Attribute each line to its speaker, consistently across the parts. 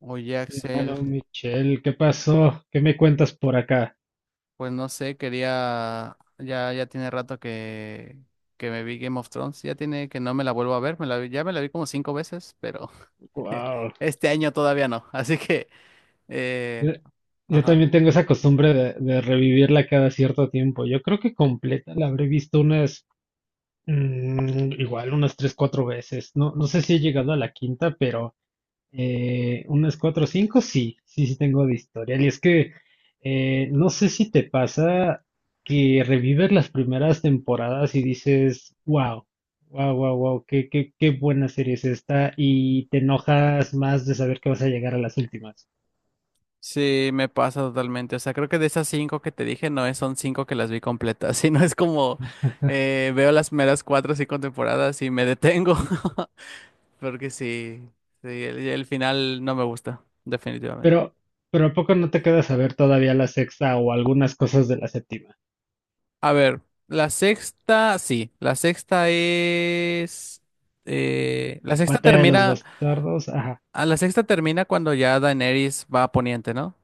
Speaker 1: Oye,
Speaker 2: Mi
Speaker 1: Axel,
Speaker 2: hermano Michel, ¿qué pasó? ¿Qué me cuentas por acá?
Speaker 1: pues no sé, quería, ya, ya tiene rato que me vi Game of Thrones, ya tiene que no me la vuelvo a ver, ya me la vi como cinco veces, pero
Speaker 2: Wow.
Speaker 1: este año todavía no. Así que, eh,
Speaker 2: Yo, yo
Speaker 1: ajá.
Speaker 2: también tengo esa costumbre de revivirla cada cierto tiempo. Yo creo que completa la habré visto unas, igual unas tres, cuatro veces. No sé
Speaker 1: Mm.
Speaker 2: si he llegado a la quinta, pero unas cuatro o cinco, sí tengo de historial. Y es que no sé si te pasa que revives las primeras temporadas y dices, wow, wow, wow, wow, qué buena serie es esta, y te enojas más de saber que vas a llegar a las últimas.
Speaker 1: Sí, me pasa totalmente. O sea, creo que de esas cinco que te dije, no es, son cinco que las vi completas, sino es como, veo las meras cuatro o cinco temporadas y me detengo. Porque sí, sí, el final no me gusta, definitivamente.
Speaker 2: Pero, pero ¿a poco no te quedas a ver todavía la sexta o algunas cosas de la séptima?
Speaker 1: A ver, la sexta, sí, la sexta es... la sexta
Speaker 2: Batalla de los
Speaker 1: termina...
Speaker 2: Bastardos, ajá.
Speaker 1: A la sexta termina cuando ya Daenerys va a Poniente, ¿no?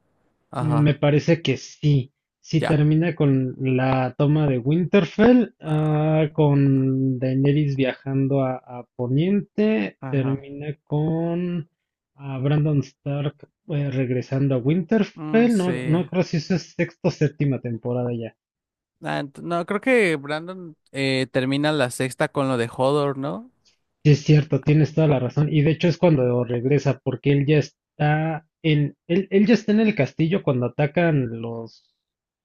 Speaker 2: Me
Speaker 1: Ajá,
Speaker 2: parece que sí. Sí
Speaker 1: ya.
Speaker 2: termina con la toma de Winterfell, con Daenerys viajando a Poniente,
Speaker 1: Ajá.
Speaker 2: termina con Brandon Stark regresando a
Speaker 1: Mm,
Speaker 2: Winterfell. No
Speaker 1: sí.
Speaker 2: creo si eso es sexta o séptima temporada ya.
Speaker 1: No, creo que Brandon, termina la sexta con lo de Hodor, ¿no?
Speaker 2: Sí, es cierto, tienes toda la razón. Y de hecho es cuando regresa, porque él ya está en, él ya está en el castillo cuando atacan los...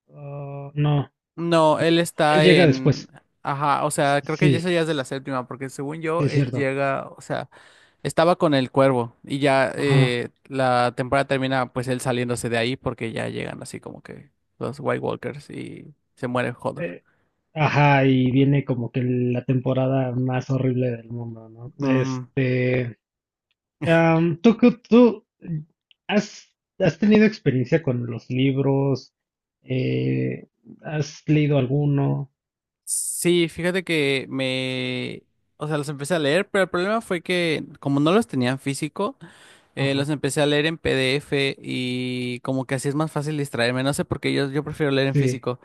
Speaker 2: ah, no,
Speaker 1: No, él
Speaker 2: él
Speaker 1: está
Speaker 2: llega
Speaker 1: en...
Speaker 2: después.
Speaker 1: Ajá, o sea, creo que
Speaker 2: Sí,
Speaker 1: eso ya es de la séptima, porque según
Speaker 2: sí,
Speaker 1: yo,
Speaker 2: es
Speaker 1: él
Speaker 2: cierto.
Speaker 1: llega, o sea... Estaba con el cuervo y ya,
Speaker 2: Ajá.
Speaker 1: la temporada termina pues él saliéndose de ahí porque ya llegan así como que los White Walkers y se muere Hodor.
Speaker 2: Eh, ajá, y viene como que la temporada más horrible del mundo, ¿no?
Speaker 1: Mm.
Speaker 2: Este, ¿tú, qué- tú has, has tenido experiencia con los libros? Eh, ¿Has leído alguno?
Speaker 1: Sí, fíjate que me... O sea, los empecé a leer, pero el problema fue que como no los tenía en físico,
Speaker 2: Ajá,
Speaker 1: los empecé a leer en PDF y como que así es más fácil distraerme. No sé por qué yo prefiero leer en
Speaker 2: sí,
Speaker 1: físico.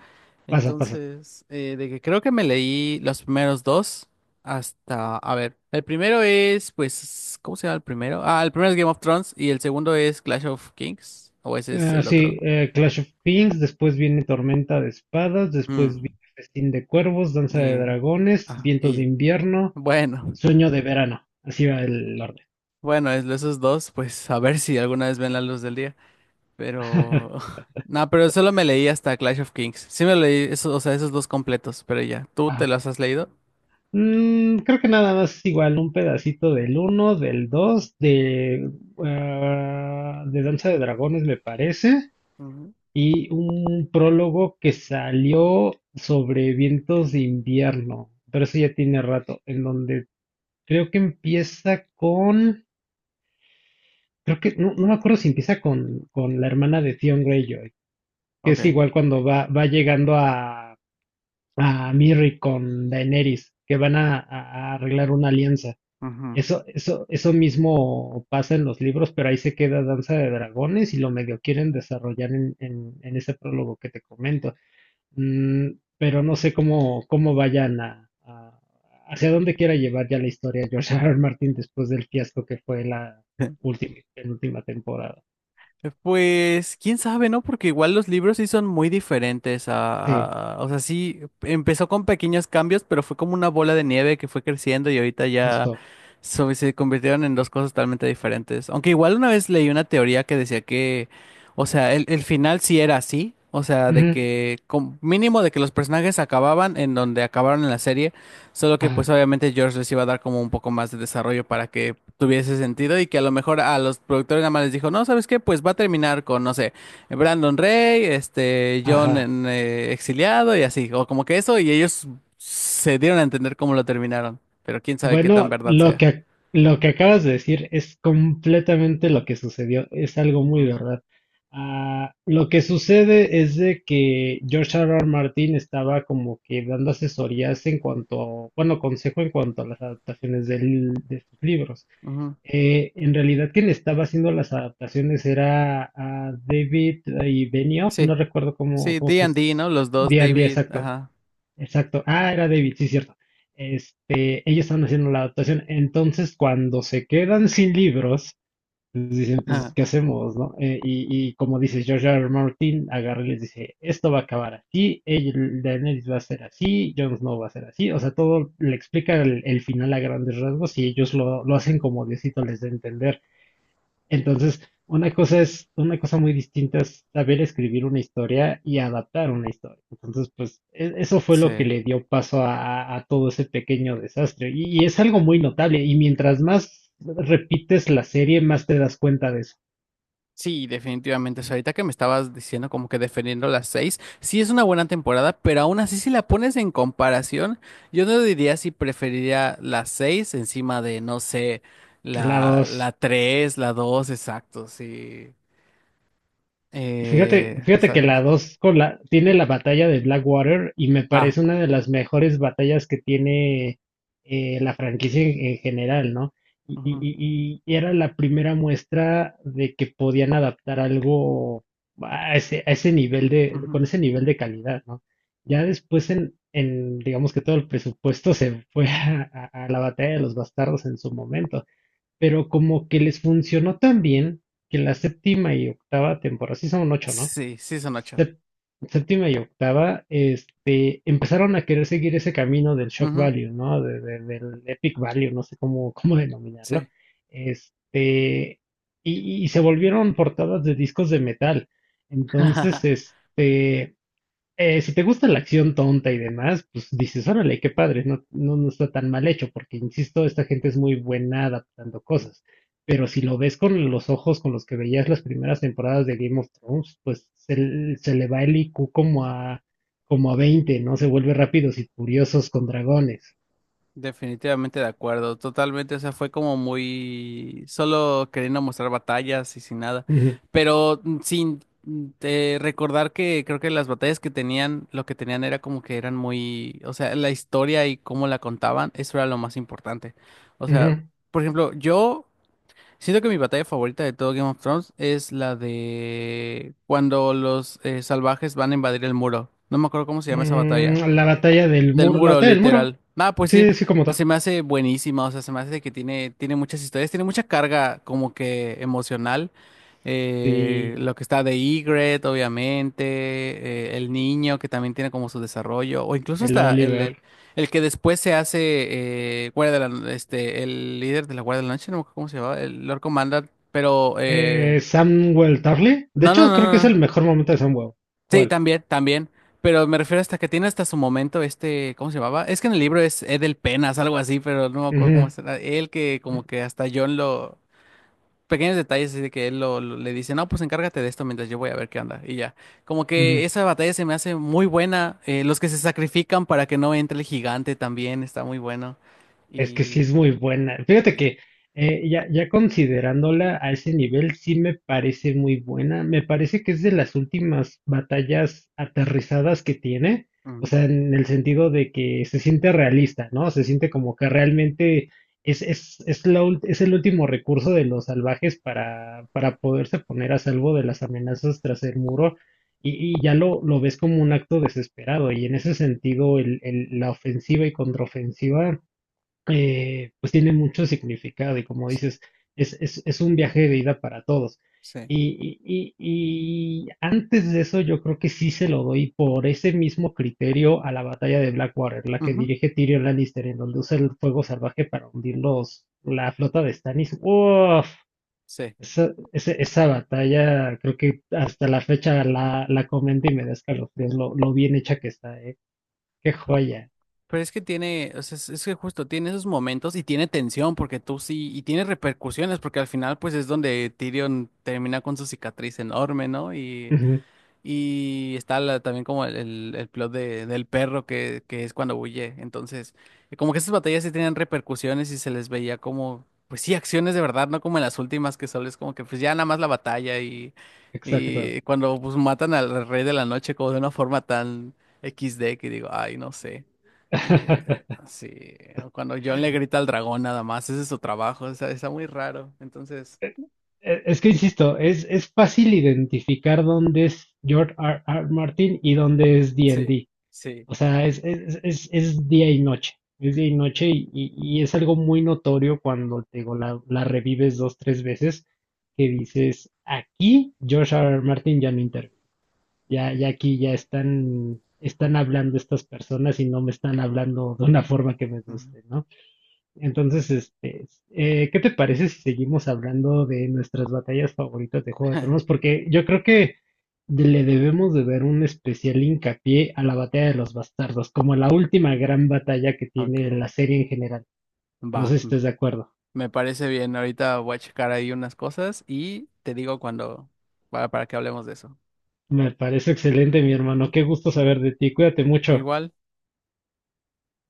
Speaker 2: pasa, pasa.
Speaker 1: Entonces, de que creo que me leí los primeros dos hasta, a ver, el primero es, pues, ¿cómo se llama el primero? Ah, el primero es Game of Thrones y el segundo es Clash of Kings, o ese es
Speaker 2: Ah,
Speaker 1: el otro.
Speaker 2: sí, Clash of Kings, después viene Tormenta de Espadas, después viene
Speaker 1: Mm,
Speaker 2: Festín de Cuervos, Danza de
Speaker 1: eh,
Speaker 2: Dragones, Vientos
Speaker 1: y
Speaker 2: de
Speaker 1: ya.
Speaker 2: Invierno,
Speaker 1: Bueno,
Speaker 2: Sueño de Verano. Así va el orden.
Speaker 1: bueno, esos dos, pues, a ver si alguna vez ven la luz del día, pero... No, pero solo me leí hasta Clash of Kings. Sí me leí esos, o sea, esos dos completos, pero ya, ¿tú te los has leído?
Speaker 2: Creo que nada más igual un pedacito del uno, del 2, de, de Danza de Dragones me parece,
Speaker 1: Ujú.
Speaker 2: y un prólogo que salió sobre vientos de invierno, pero eso ya tiene rato, en donde creo que empieza con, creo que, no, no me acuerdo si empieza con la hermana de Theon Greyjoy, que es
Speaker 1: Ok.
Speaker 2: igual cuando va, va llegando a Mirri con Daenerys, que van a arreglar una alianza.
Speaker 1: Ujú.
Speaker 2: Eso mismo pasa en los libros, pero ahí se queda Danza de Dragones y lo medio quieren desarrollar en ese prólogo que te comento. Mm, pero no sé cómo, cómo vayan a- hacia dónde quiera llevar ya la historia George R. R. Martin después del fiasco que fue la última, penúltima temporada.
Speaker 1: Pues quién sabe, ¿no? Porque igual los libros sí son muy diferentes
Speaker 2: Sí,
Speaker 1: a, o sea, sí empezó con pequeños cambios, pero fue como una bola de nieve que fue creciendo y ahorita ya
Speaker 2: justo.
Speaker 1: se convirtieron en dos cosas totalmente diferentes. Aunque igual una vez leí una teoría que decía que, o sea, el final sí era así, o sea, de
Speaker 2: Ujú.
Speaker 1: que mínimo de que los personajes acababan en donde acabaron en la serie. Solo que
Speaker 2: Ah,
Speaker 1: pues obviamente George les iba a dar como un poco más de desarrollo para que tuviese sentido y que a lo mejor a los productores nada más les dijo, no, ¿sabes qué? Pues va a terminar con, no sé, Brandon Rey, este, John
Speaker 2: ajá.
Speaker 1: en, exiliado y así, o como que eso, y ellos se dieron a entender cómo lo terminaron, pero quién sabe qué tan
Speaker 2: Bueno,
Speaker 1: verdad
Speaker 2: lo
Speaker 1: sea.
Speaker 2: que, ac- lo que acabas de decir es completamente lo que sucedió, es algo muy
Speaker 1: Ujú,
Speaker 2: verdad. Ah, lo que sucede es de que George R. R. Martin estaba como que dando asesorías en cuanto, bueno, consejo en cuanto a las adaptaciones del- de sus libros.
Speaker 1: ujú.
Speaker 2: En realidad quien estaba haciendo las adaptaciones era David y Benioff,
Speaker 1: Sí,
Speaker 2: no recuerdo cómo,
Speaker 1: sí,
Speaker 2: cómo
Speaker 1: D and
Speaker 2: sus,
Speaker 1: D, ¿no? Los dos,
Speaker 2: D&D
Speaker 1: David,
Speaker 2: exacto.
Speaker 1: ajá.
Speaker 2: Exacto. Ah, era David, sí, cierto. Este, ellos estaban haciendo la adaptación. Entonces, cuando se quedan sin libros, les dicen, pues, ¿qué hacemos, no? Y como dice George R. R. Martin, agarra y les dice, esto va a acabar así, el- Daenerys va a ser así, Jon Snow va a ser así. O sea, todo le explica el final a grandes rasgos y ellos lo hacen como Diosito les dé a entender. Entonces, una cosa es, una cosa muy distinta es saber escribir una historia y adaptar una historia. Entonces, pues e- eso fue
Speaker 1: Sí.
Speaker 2: lo que le dio paso a todo ese pequeño desastre. Y es algo muy notable. Y mientras más repites la serie, más te das cuenta de eso.
Speaker 1: Sí, definitivamente. O sea, ahorita que me estabas diciendo como que defendiendo las seis, sí es una buena temporada, pero aún así si la pones en comparación, yo no diría si preferiría las seis encima de, no sé,
Speaker 2: La
Speaker 1: la,
Speaker 2: dos.
Speaker 1: la tres, la dos, exacto, sí.
Speaker 2: Fíjate, fíjate
Speaker 1: Está
Speaker 2: que la
Speaker 1: difícil.
Speaker 2: 2 con la, tiene la batalla de Blackwater y me
Speaker 1: Ah,
Speaker 2: parece una de las mejores batallas que tiene la franquicia en general, ¿no? Y, y-
Speaker 1: ujú,
Speaker 2: y era la primera muestra de que podían adaptar algo a ese nivel de,
Speaker 1: ujú.
Speaker 2: con ese nivel de calidad, ¿no? Ya después en, digamos que todo el presupuesto se fue a la batalla de los bastardos en su momento. Pero como que les funcionó tan bien que la séptima y octava temporada, sí son ocho, ¿no?
Speaker 1: Sí, sí son ocho.
Speaker 2: Sep- séptima y octava, este, empezaron a querer seguir ese camino del shock
Speaker 1: Ujú,
Speaker 2: value, ¿no? De- del epic value, no sé cómo, cómo
Speaker 1: sí.
Speaker 2: denominarlo. Este, y se volvieron portadas de discos de metal. Entonces, este, si te gusta la acción tonta y demás, pues dices, órale, qué padre, no está tan mal hecho, porque insisto, esta gente es muy buena adaptando cosas. Pero si lo ves con los ojos con los que veías las primeras temporadas de Game of Thrones, pues se, l- se le va el IQ como a, como a 20, ¿no? Se vuelve rápidos y furiosos con dragones.
Speaker 1: Definitivamente de acuerdo, totalmente. O sea, fue como muy solo queriendo mostrar batallas y sin nada,
Speaker 2: Ujú,
Speaker 1: pero sin recordar que creo que las batallas que tenían, lo que tenían era como que eran muy, o sea, la historia y cómo la contaban, eso era lo más importante. O sea,
Speaker 2: ujú.
Speaker 1: por ejemplo, yo siento que mi batalla favorita de todo Game of Thrones es la de cuando los, salvajes van a invadir el muro. No me acuerdo cómo se llama esa batalla.
Speaker 2: La batalla del
Speaker 1: Del
Speaker 2: muro, la
Speaker 1: muro,
Speaker 2: batalla del muro.
Speaker 1: literal. Ah, pues sí,
Speaker 2: Sí, sí, como
Speaker 1: se
Speaker 2: tal.
Speaker 1: me hace buenísima. O sea, se me hace que tiene, tiene muchas historias, tiene mucha carga como que emocional.
Speaker 2: Sí,
Speaker 1: Lo que está de Ygritte, obviamente, el niño que también tiene como su desarrollo, o incluso
Speaker 2: el
Speaker 1: hasta
Speaker 2: Oliver.
Speaker 1: el que después se hace, este, el líder de la Guardia de la Noche, no me acuerdo cómo se llamaba, el Lord Commander, pero
Speaker 2: Samwell Tarly. De
Speaker 1: no, no,
Speaker 2: hecho,
Speaker 1: no,
Speaker 2: creo que
Speaker 1: no,
Speaker 2: es el
Speaker 1: no.
Speaker 2: mejor momento de Samwell.
Speaker 1: Sí,
Speaker 2: ¿Cuál?
Speaker 1: también, también. Pero me refiero hasta que tiene hasta su momento este, ¿cómo se llamaba? Es que en el libro es Edel Penas, algo así, pero no me acuerdo cómo
Speaker 2: Ujú,
Speaker 1: será. Él que como que hasta John lo... Pequeños detalles así de que él le dice, no, pues encárgate de esto mientras yo voy a ver qué onda. Y ya. Como que
Speaker 2: ujú.
Speaker 1: esa batalla se me hace muy buena. Los que se sacrifican para que no entre el gigante también está muy bueno.
Speaker 2: Es que sí
Speaker 1: Y...
Speaker 2: es muy buena. Fíjate
Speaker 1: Sí.
Speaker 2: que ya, ya considerándola a ese nivel, sí me parece muy buena. Me parece que es de las últimas batallas aterrizadas que tiene. O
Speaker 1: Mm,
Speaker 2: sea, en el sentido de que se siente realista, ¿no? Se siente como que realmente es, la ult- es el último recurso de los salvajes para poderse poner a salvo de las amenazas tras el muro. Y ya lo ves como un acto desesperado. Y en ese sentido, el- la ofensiva y contraofensiva pues tiene mucho significado y como
Speaker 1: sí,
Speaker 2: dices, es un viaje de ida para todos.
Speaker 1: sí.
Speaker 2: Y antes de eso yo creo que sí se lo doy por ese mismo criterio a la batalla de Blackwater, la que
Speaker 1: Ujú,
Speaker 2: dirige Tyrion Lannister, en donde usa el fuego salvaje para hundir los, la flota de Stannis. ¡Uf!
Speaker 1: sí.
Speaker 2: Esa, ese- esa batalla creo que hasta la fecha la, la comento y me da escalofríos lo bien hecha que está, ¿eh? ¡Qué joya!
Speaker 1: Pero es que tiene, o sea, es que justo tiene esos momentos y tiene tensión porque tú sí, y tiene repercusiones porque al final pues es donde Tyrion termina con su cicatriz enorme, ¿no?
Speaker 2: Ujú,
Speaker 1: Y está también como el plot de, del perro que es cuando huye. Entonces, como que esas batallas sí tenían repercusiones y se les veía como, pues sí, acciones de verdad, no como en las últimas que solo es como que pues ya nada más la batalla
Speaker 2: exacto.
Speaker 1: y cuando pues matan al rey de la noche como de una forma tan XD, que digo, ay, no sé. Y, sí, o cuando John le grita al dragón nada más, ese es su trabajo, está muy raro. Entonces,
Speaker 2: e- Es que insisto, es fácil identificar dónde es George R. R. Martin y dónde es
Speaker 1: sí,
Speaker 2: D&D.
Speaker 1: sí.
Speaker 2: O sea, es día y noche. Es día y noche y es algo muy notorio cuando te digo, la revives dos, tres veces que dices, aquí George R. R. Martin ya no interviene. Ya, ya aquí ya están, están hablando estas personas y no me están hablando de una forma que me
Speaker 1: Ujú,
Speaker 2: guste, ¿no?
Speaker 1: pues
Speaker 2: Entonces,
Speaker 1: sí.
Speaker 2: este, ¿qué te parece si seguimos hablando de nuestras batallas favoritas de Juego de Tronos? Porque yo creo que le debemos de ver un especial hincapié a la batalla de los bastardos, como la última gran batalla que tiene
Speaker 1: Ok.
Speaker 2: la serie en general. No sé
Speaker 1: Va,
Speaker 2: si estés de acuerdo.
Speaker 1: me parece bien. Ahorita voy a checar ahí unas cosas y te digo cuando, para que hablemos de eso.
Speaker 2: Me parece excelente, mi hermano.
Speaker 1: Ujú.
Speaker 2: Qué gusto saber de ti. Cuídate mucho.
Speaker 1: Igual.